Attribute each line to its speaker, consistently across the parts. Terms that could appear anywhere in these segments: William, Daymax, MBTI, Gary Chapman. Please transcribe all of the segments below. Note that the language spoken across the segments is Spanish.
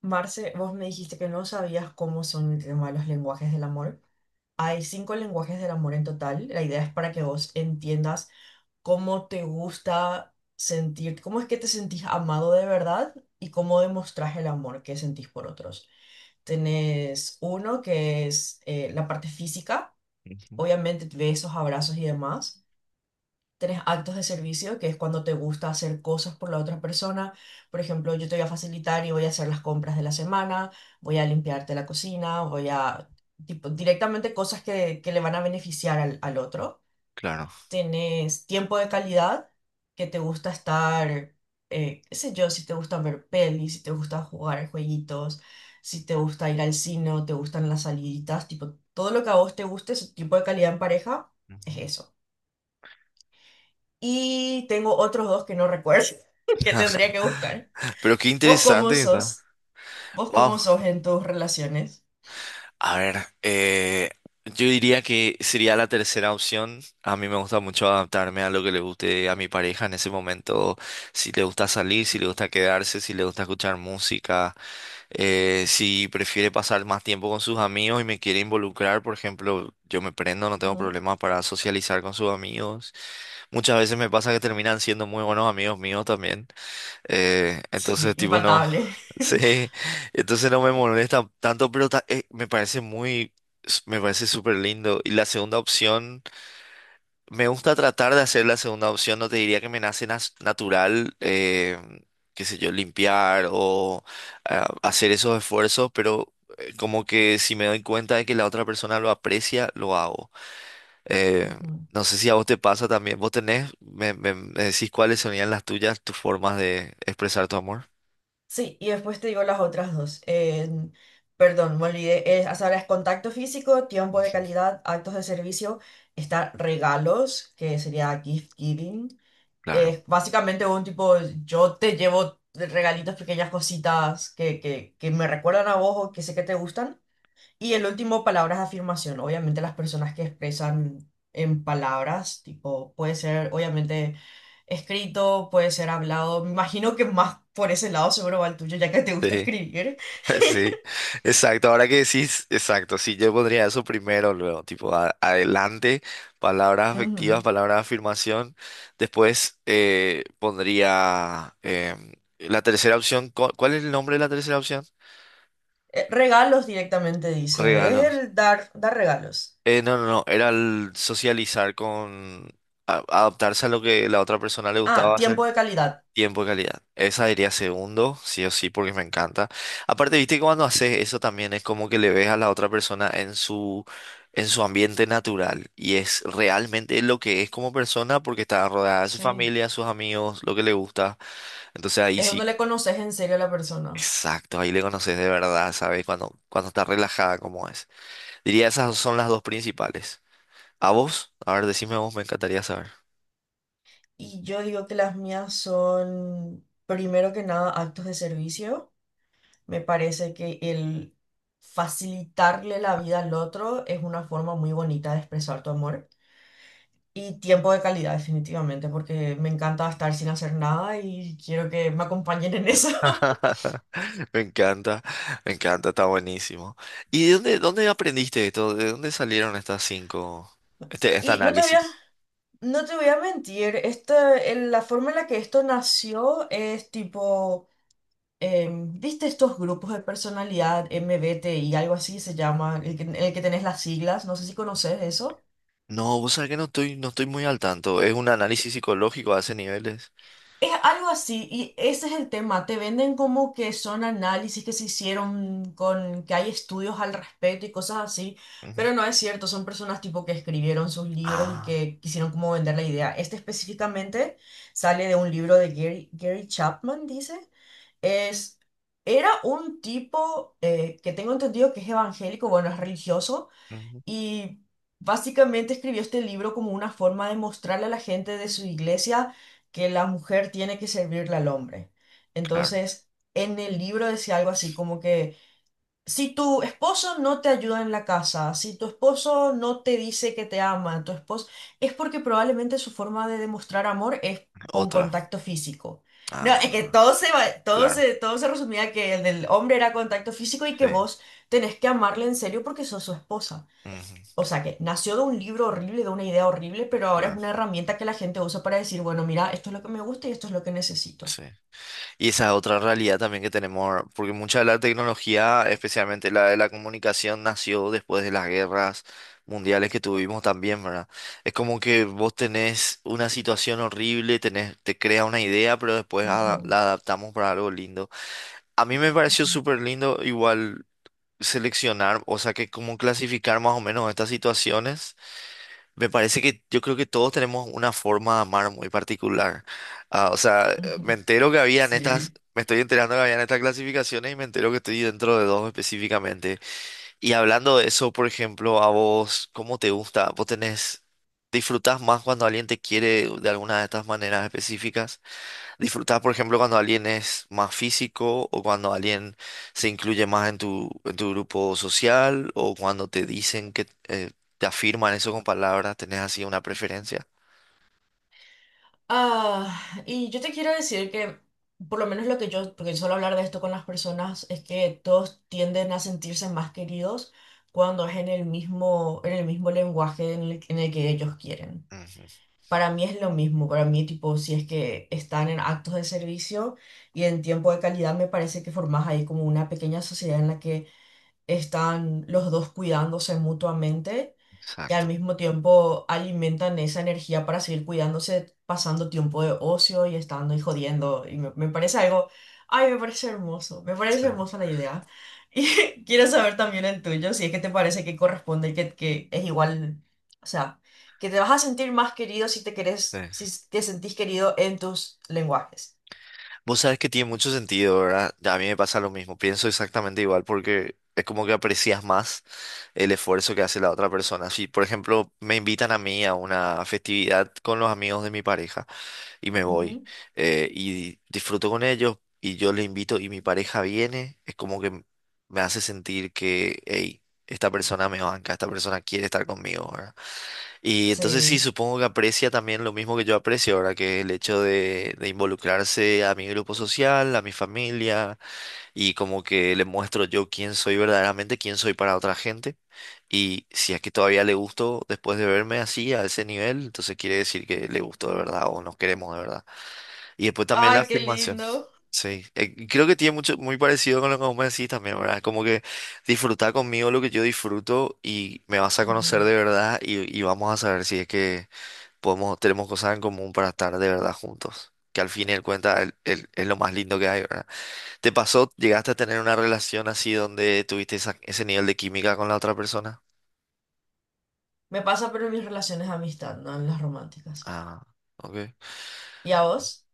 Speaker 1: Marce, vos me dijiste que no sabías cómo son el tema de los lenguajes del amor. Hay cinco lenguajes del amor en total. La idea es para que vos entiendas cómo te gusta sentir, cómo es que te sentís amado de verdad y cómo demostrás el amor que sentís por otros. Tenés uno que es la parte física,
Speaker 2: Ujú.
Speaker 1: obviamente besos, abrazos y demás. Tenés actos de servicio, que es cuando te gusta hacer cosas por la otra persona. Por ejemplo, yo te voy a facilitar y voy a hacer las compras de la semana, voy a limpiarte la cocina, voy a, tipo, directamente cosas que le van a beneficiar al otro.
Speaker 2: Claro.
Speaker 1: Tenés tiempo de calidad, que te gusta estar, qué sé yo, si te gusta ver pelis, si te gusta jugar jueguitos, si te gusta ir al cine, o te gustan las saliditas, tipo, todo lo que a vos te guste, ese tipo de calidad en pareja,
Speaker 2: Ujú.
Speaker 1: es eso. Y tengo otros dos que no recuerdo, que tendría que buscar.
Speaker 2: Pero qué
Speaker 1: ¿Vos cómo
Speaker 2: interesante que está.
Speaker 1: sos? ¿Vos
Speaker 2: Wow.
Speaker 1: cómo sos en tus relaciones?
Speaker 2: A ver, yo diría que sería la tercera opción. A mí me gusta mucho adaptarme a lo que le guste a mi pareja en ese momento. Si le gusta salir, si le gusta quedarse, si le gusta escuchar música, si prefiere pasar más tiempo con sus amigos y me quiere involucrar, por ejemplo, yo me prendo, no tengo
Speaker 1: Ujú.
Speaker 2: problemas para socializar con sus amigos. Muchas veces me pasa que terminan siendo muy buenos amigos míos también.
Speaker 1: Sí,
Speaker 2: Entonces, tipo, no.
Speaker 1: infaltable.
Speaker 2: Sí, entonces no me molesta tanto, pero me parece muy, me parece súper lindo. Y la segunda opción, me gusta tratar de hacer la segunda opción, no te diría que me nace natural, qué sé yo, limpiar o ah, hacer esos esfuerzos, pero como que si me doy cuenta de que la otra persona lo aprecia, lo hago. Eh,
Speaker 1: Ujú.
Speaker 2: no sé si a vos te pasa también, vos tenés, me decís cuáles serían las tuyas, tus formas de expresar tu amor.
Speaker 1: Sí, y después te digo las otras dos. Perdón, me olvidé. Hasta ahora es contacto físico, tiempo de
Speaker 2: Ujú.
Speaker 1: calidad, actos de servicio, está regalos, que sería gift giving.
Speaker 2: Claro.
Speaker 1: Es básicamente un tipo, yo te llevo regalitos, pequeñas cositas que me recuerdan a vos o que sé que te gustan. Y el último palabra es afirmación. Obviamente las personas que expresan en palabras, tipo, puede ser obviamente escrito, puede ser hablado. Me imagino que más por ese lado seguro va el tuyo, ya que te gusta
Speaker 2: Sí,
Speaker 1: escribir.
Speaker 2: sí, exacto. Ahora que decís, exacto, sí, yo pondría eso primero, luego, tipo, adelante, palabras afectivas,
Speaker 1: Ujú.
Speaker 2: palabras de afirmación. Después pondría la tercera opción. ¿Cuál es el nombre de la tercera opción?
Speaker 1: Regalos directamente dice. Es
Speaker 2: Regalos.
Speaker 1: el dar, dar regalos.
Speaker 2: No, no, no, era el socializar con adaptarse a lo que la otra persona le
Speaker 1: Ah,
Speaker 2: gustaba
Speaker 1: tiempo
Speaker 2: hacer.
Speaker 1: de calidad.
Speaker 2: Tiempo de calidad. Esa diría segundo, sí o sí, porque me encanta. Aparte, viste que cuando haces eso también es como que le ves a la otra persona en su ambiente natural y es realmente lo que es como persona porque está rodeada de su
Speaker 1: Sí.
Speaker 2: familia, sus amigos, lo que le gusta. Entonces ahí
Speaker 1: Es donde
Speaker 2: sí,
Speaker 1: le conoces en serio a la persona.
Speaker 2: exacto, ahí le conoces de verdad, ¿sabes? Cuando, cuando está relajada como es. Diría esas son las dos principales. ¿A vos? A ver, decime vos, me encantaría saber.
Speaker 1: Y yo digo que las mías son, primero que nada, actos de servicio. Me parece que el facilitarle la vida al otro es una forma muy bonita de expresar tu amor. Y tiempo de calidad, definitivamente, porque me encanta estar sin hacer nada y quiero que me acompañen en eso.
Speaker 2: Me encanta, me encanta, está buenísimo. ¿Y de dónde, dónde aprendiste esto? ¿De dónde salieron estas cinco, este
Speaker 1: Y no te voy a,
Speaker 2: análisis?
Speaker 1: no te voy a mentir, la forma en la que esto nació es tipo, ¿viste estos grupos de personalidad MBTI, algo así se llama, el que tenés las siglas? No sé si conoces eso.
Speaker 2: No, vos sabés que no estoy, no estoy muy al tanto. ¿Es un análisis psicológico a ese niveles?
Speaker 1: Es algo así, y ese es el tema. Te venden como que son análisis que se hicieron con que hay estudios al respecto y cosas así,
Speaker 2: Ujú.
Speaker 1: pero no es cierto. Son personas tipo que escribieron sus libros y
Speaker 2: Ah,
Speaker 1: que quisieron como vender la idea. Este específicamente sale de un libro de Gary Chapman, dice. Es, Era un tipo que tengo entendido que es evangélico, bueno, es religioso
Speaker 2: ujú,
Speaker 1: y básicamente escribió este libro como una forma de mostrarle a la gente de su iglesia que la mujer tiene que servirle al hombre.
Speaker 2: claro.
Speaker 1: Entonces, en el libro decía algo así como que si tu esposo no te ayuda en la casa, si tu esposo no te dice que te ama, tu esposo, es porque probablemente su forma de demostrar amor es con
Speaker 2: Otra.
Speaker 1: contacto físico. No, es que
Speaker 2: Ah,
Speaker 1: todo se, va-
Speaker 2: claro.
Speaker 1: todo se resumía que el del hombre era contacto físico y que
Speaker 2: Sí.
Speaker 1: vos tenés que amarle en serio porque sos su esposa.
Speaker 2: Ujú.
Speaker 1: O sea que nació de un libro horrible, de una idea horrible, pero ahora es
Speaker 2: Claro,
Speaker 1: una herramienta que la gente usa para decir, bueno, mira, esto es lo que me gusta y esto es lo que necesito.
Speaker 2: sí. Y esa es otra realidad también que tenemos, porque mucha de la tecnología, especialmente la de la comunicación, nació después de las guerras mundiales que tuvimos también, ¿verdad? Es como que vos tenés una situación horrible, tenés, te crea una idea, pero después
Speaker 1: Ujú,
Speaker 2: la adaptamos para algo lindo. A mí me pareció
Speaker 1: ujú,
Speaker 2: súper lindo igual seleccionar, o sea, que como clasificar más o menos estas situaciones me parece que yo creo que todos tenemos una forma de amar muy particular. Ah, o sea, me
Speaker 1: ujú.
Speaker 2: entero que habían estas,
Speaker 1: Sí.
Speaker 2: me estoy enterando que habían estas clasificaciones y me entero que estoy dentro de dos específicamente. Y hablando de eso, por ejemplo, a vos, ¿cómo te gusta? ¿Vos tenés, disfrutás más cuando alguien te quiere de alguna de estas maneras específicas? Disfrutar, por ejemplo, cuando alguien es más físico o cuando alguien se incluye más en tu grupo social o cuando te dicen que te afirman eso con palabras, tenés así una preferencia.
Speaker 1: Ah, y yo te quiero decir que, por lo menos lo que yo, porque suelo hablar de esto con las personas, es que todos tienden a sentirse más queridos cuando es en el mismo lenguaje en el que ellos quieren.
Speaker 2: Ujú.
Speaker 1: Para mí es lo mismo, para mí tipo, si es que están en actos de servicio y en tiempo de calidad, me parece que formas ahí como una pequeña sociedad en la que están los dos cuidándose mutuamente y al
Speaker 2: Exacto.
Speaker 1: mismo tiempo alimentan esa energía para seguir cuidándose, pasando tiempo de ocio y estando y jodiendo. Y me parece algo, ay, me parece hermoso, me parece
Speaker 2: Sí,
Speaker 1: hermosa la idea. Y quiero saber también el tuyo, si es que te parece que corresponde y que es igual, o sea, que te vas a sentir más querido si te querés, si
Speaker 2: sí.
Speaker 1: te sentís querido en tus lenguajes.
Speaker 2: Vos sabés que tiene mucho sentido, ¿verdad? Ya a mí me pasa lo mismo, pienso exactamente igual porque es como que aprecias más el esfuerzo que hace la otra persona. Si, por ejemplo, me invitan a mí a una festividad con los amigos de mi pareja y me voy.
Speaker 1: Ujú,
Speaker 2: Y disfruto con ellos y yo les invito y mi pareja viene, es como que me hace sentir que, hey, esta persona me banca, esta persona quiere estar conmigo, ¿verdad? Y entonces sí,
Speaker 1: sí.
Speaker 2: supongo que aprecia también lo mismo que yo aprecio, ¿verdad? Que es el hecho de involucrarse a mi grupo social, a mi familia y como que le muestro yo quién soy verdaderamente, quién soy para otra gente. Y si es que todavía le gusto después de verme así, a ese nivel, entonces quiere decir que le gustó de verdad o nos queremos de verdad. Y después también la
Speaker 1: Ay, qué
Speaker 2: afirmación.
Speaker 1: lindo.
Speaker 2: Sí, y creo que tiene mucho, muy parecido con lo que vos me decís también, ¿verdad? Como que disfrutar conmigo lo que yo disfruto y me vas a
Speaker 1: Ujú.
Speaker 2: conocer de verdad y vamos a saber si es que podemos, tenemos cosas en común para estar de verdad juntos. Que al fin y al cuenta es lo más lindo que hay, ¿verdad? ¿Te pasó, llegaste a tener una relación así donde tuviste ese nivel de química con la otra persona?
Speaker 1: Me pasa, pero en mis relaciones de amistad, no en las románticas.
Speaker 2: Ah, ok.
Speaker 1: ¿Y a vos?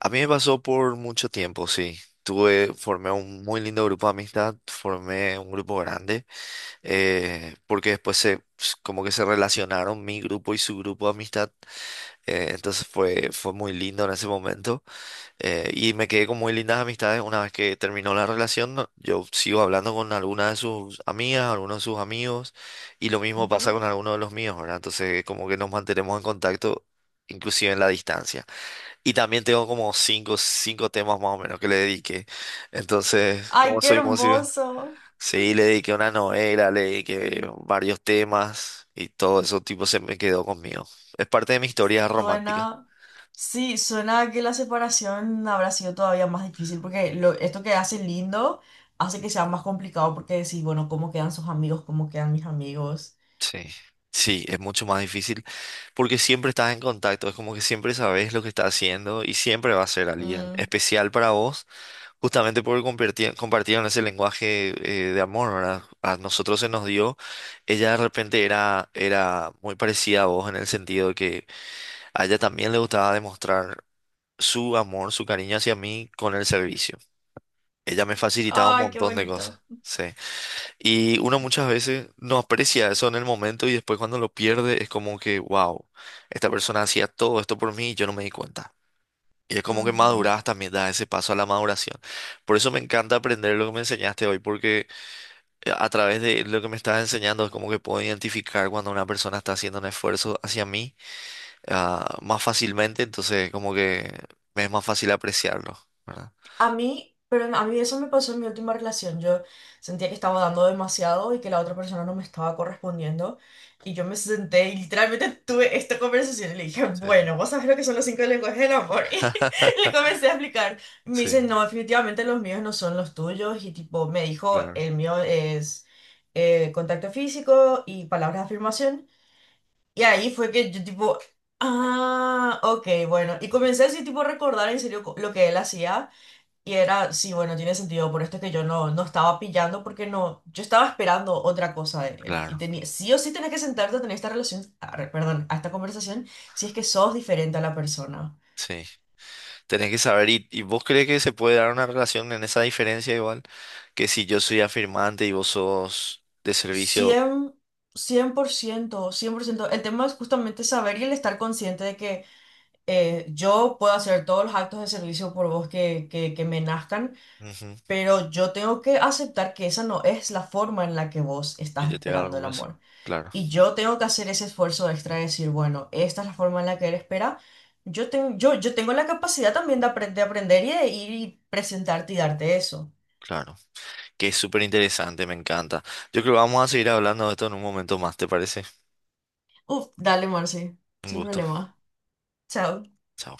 Speaker 2: A mí me pasó por mucho tiempo, sí. Tuve, formé un muy lindo grupo de amistad, formé un grupo grande, porque después se, como que se relacionaron mi grupo y su grupo de amistad, entonces fue, fue muy lindo en ese momento, y me quedé con muy lindas amistades. Una vez que terminó la relación, yo sigo hablando con algunas de sus amigas, algunos de sus amigos, y lo mismo pasa
Speaker 1: Ujú.
Speaker 2: con algunos de los míos, ¿verdad? Entonces como que nos mantenemos en contacto, inclusive en la distancia. Y también tengo como cinco, cinco temas más o menos que le dediqué. Entonces,
Speaker 1: Ay,
Speaker 2: como
Speaker 1: qué
Speaker 2: soy músico,
Speaker 1: hermoso.
Speaker 2: sí, le dediqué una novela, le dediqué varios temas y todo eso tipo se me quedó conmigo. Es parte de mi historia romántica.
Speaker 1: Suena, sí, suena a que la separación habrá sido todavía más difícil, porque lo- esto que hace lindo hace que sea más complicado, porque decís, bueno, ¿cómo quedan sus amigos? ¿Cómo quedan mis amigos?
Speaker 2: Sí. Sí, es mucho más difícil porque siempre estás en contacto, es como que siempre sabes lo que estás haciendo y siempre va a ser alguien
Speaker 1: Mm,
Speaker 2: especial para vos. Justamente porque compartieron ese lenguaje de amor, ¿verdad? A nosotros se nos dio. Ella de repente era, era muy parecida a vos en el sentido de que a ella también le gustaba demostrar su amor, su cariño hacia mí con el servicio. Ella me facilitaba un
Speaker 1: ay, qué
Speaker 2: montón de cosas.
Speaker 1: bonito.
Speaker 2: Sí. Y uno muchas veces no aprecia eso en el momento y después cuando lo pierde es como que, wow, esta persona hacía todo esto por mí y yo no me di cuenta. Y es como que
Speaker 1: Ujú.
Speaker 2: maduras también, das ese paso a la maduración. Por eso me encanta aprender lo que me enseñaste hoy, porque a través de lo que me estás enseñando es como que puedo identificar cuando una persona está haciendo un esfuerzo hacia mí, ah, más fácilmente, entonces como que me es más fácil apreciarlo, ¿verdad?
Speaker 1: A mí, pero a mí eso me pasó en mi última relación. Yo sentía que estaba dando demasiado y que la otra persona no me estaba correspondiendo. Y yo me senté y literalmente tuve esta conversación y le dije,
Speaker 2: Sí.
Speaker 1: bueno, vos sabés lo que son los cinco lenguajes del amor. Y le comencé a explicar. Y me dice,
Speaker 2: Sí,
Speaker 1: no, definitivamente los míos no son los tuyos. Y tipo, me dijo,
Speaker 2: claro,
Speaker 1: el mío es contacto físico y palabras de afirmación. Y ahí fue que yo tipo, ah, ok, bueno. Y comencé así tipo a recordar en serio lo que él hacía. Y era, sí, bueno, tiene sentido, por esto es que yo no, no estaba pillando porque no, yo estaba esperando otra cosa de él. Y
Speaker 2: claro,
Speaker 1: tenía, sí o sí tenés que sentarte a tener esta relación, perdón, a esta conversación, si es que sos diferente a la persona.
Speaker 2: sí. Tenés que saber, y vos crees que se puede dar una relación en esa diferencia igual? Que si yo soy afirmante y vos sos de servicio,
Speaker 1: cien cien por ciento. El tema es justamente saber y el estar consciente de que yo puedo hacer todos los actos de servicio por vos que me nazcan,
Speaker 2: ujú,
Speaker 1: pero yo tengo que aceptar que esa no es la forma en la que vos
Speaker 2: que
Speaker 1: estás
Speaker 2: yo te haga
Speaker 1: esperando
Speaker 2: algo,
Speaker 1: el
Speaker 2: pues,
Speaker 1: amor.
Speaker 2: claro.
Speaker 1: Y yo tengo que hacer ese esfuerzo extra de decir, bueno, esta es la forma en la que él espera. Yo tengo la capacidad también de aprender y de ir y presentarte y darte eso.
Speaker 2: Claro, que es súper interesante, me encanta. Yo creo que vamos a seguir hablando de esto en un momento más, ¿te parece?
Speaker 1: Uf, dale, Marci,
Speaker 2: Un
Speaker 1: sin
Speaker 2: gusto.
Speaker 1: problema. Chao.
Speaker 2: Chao.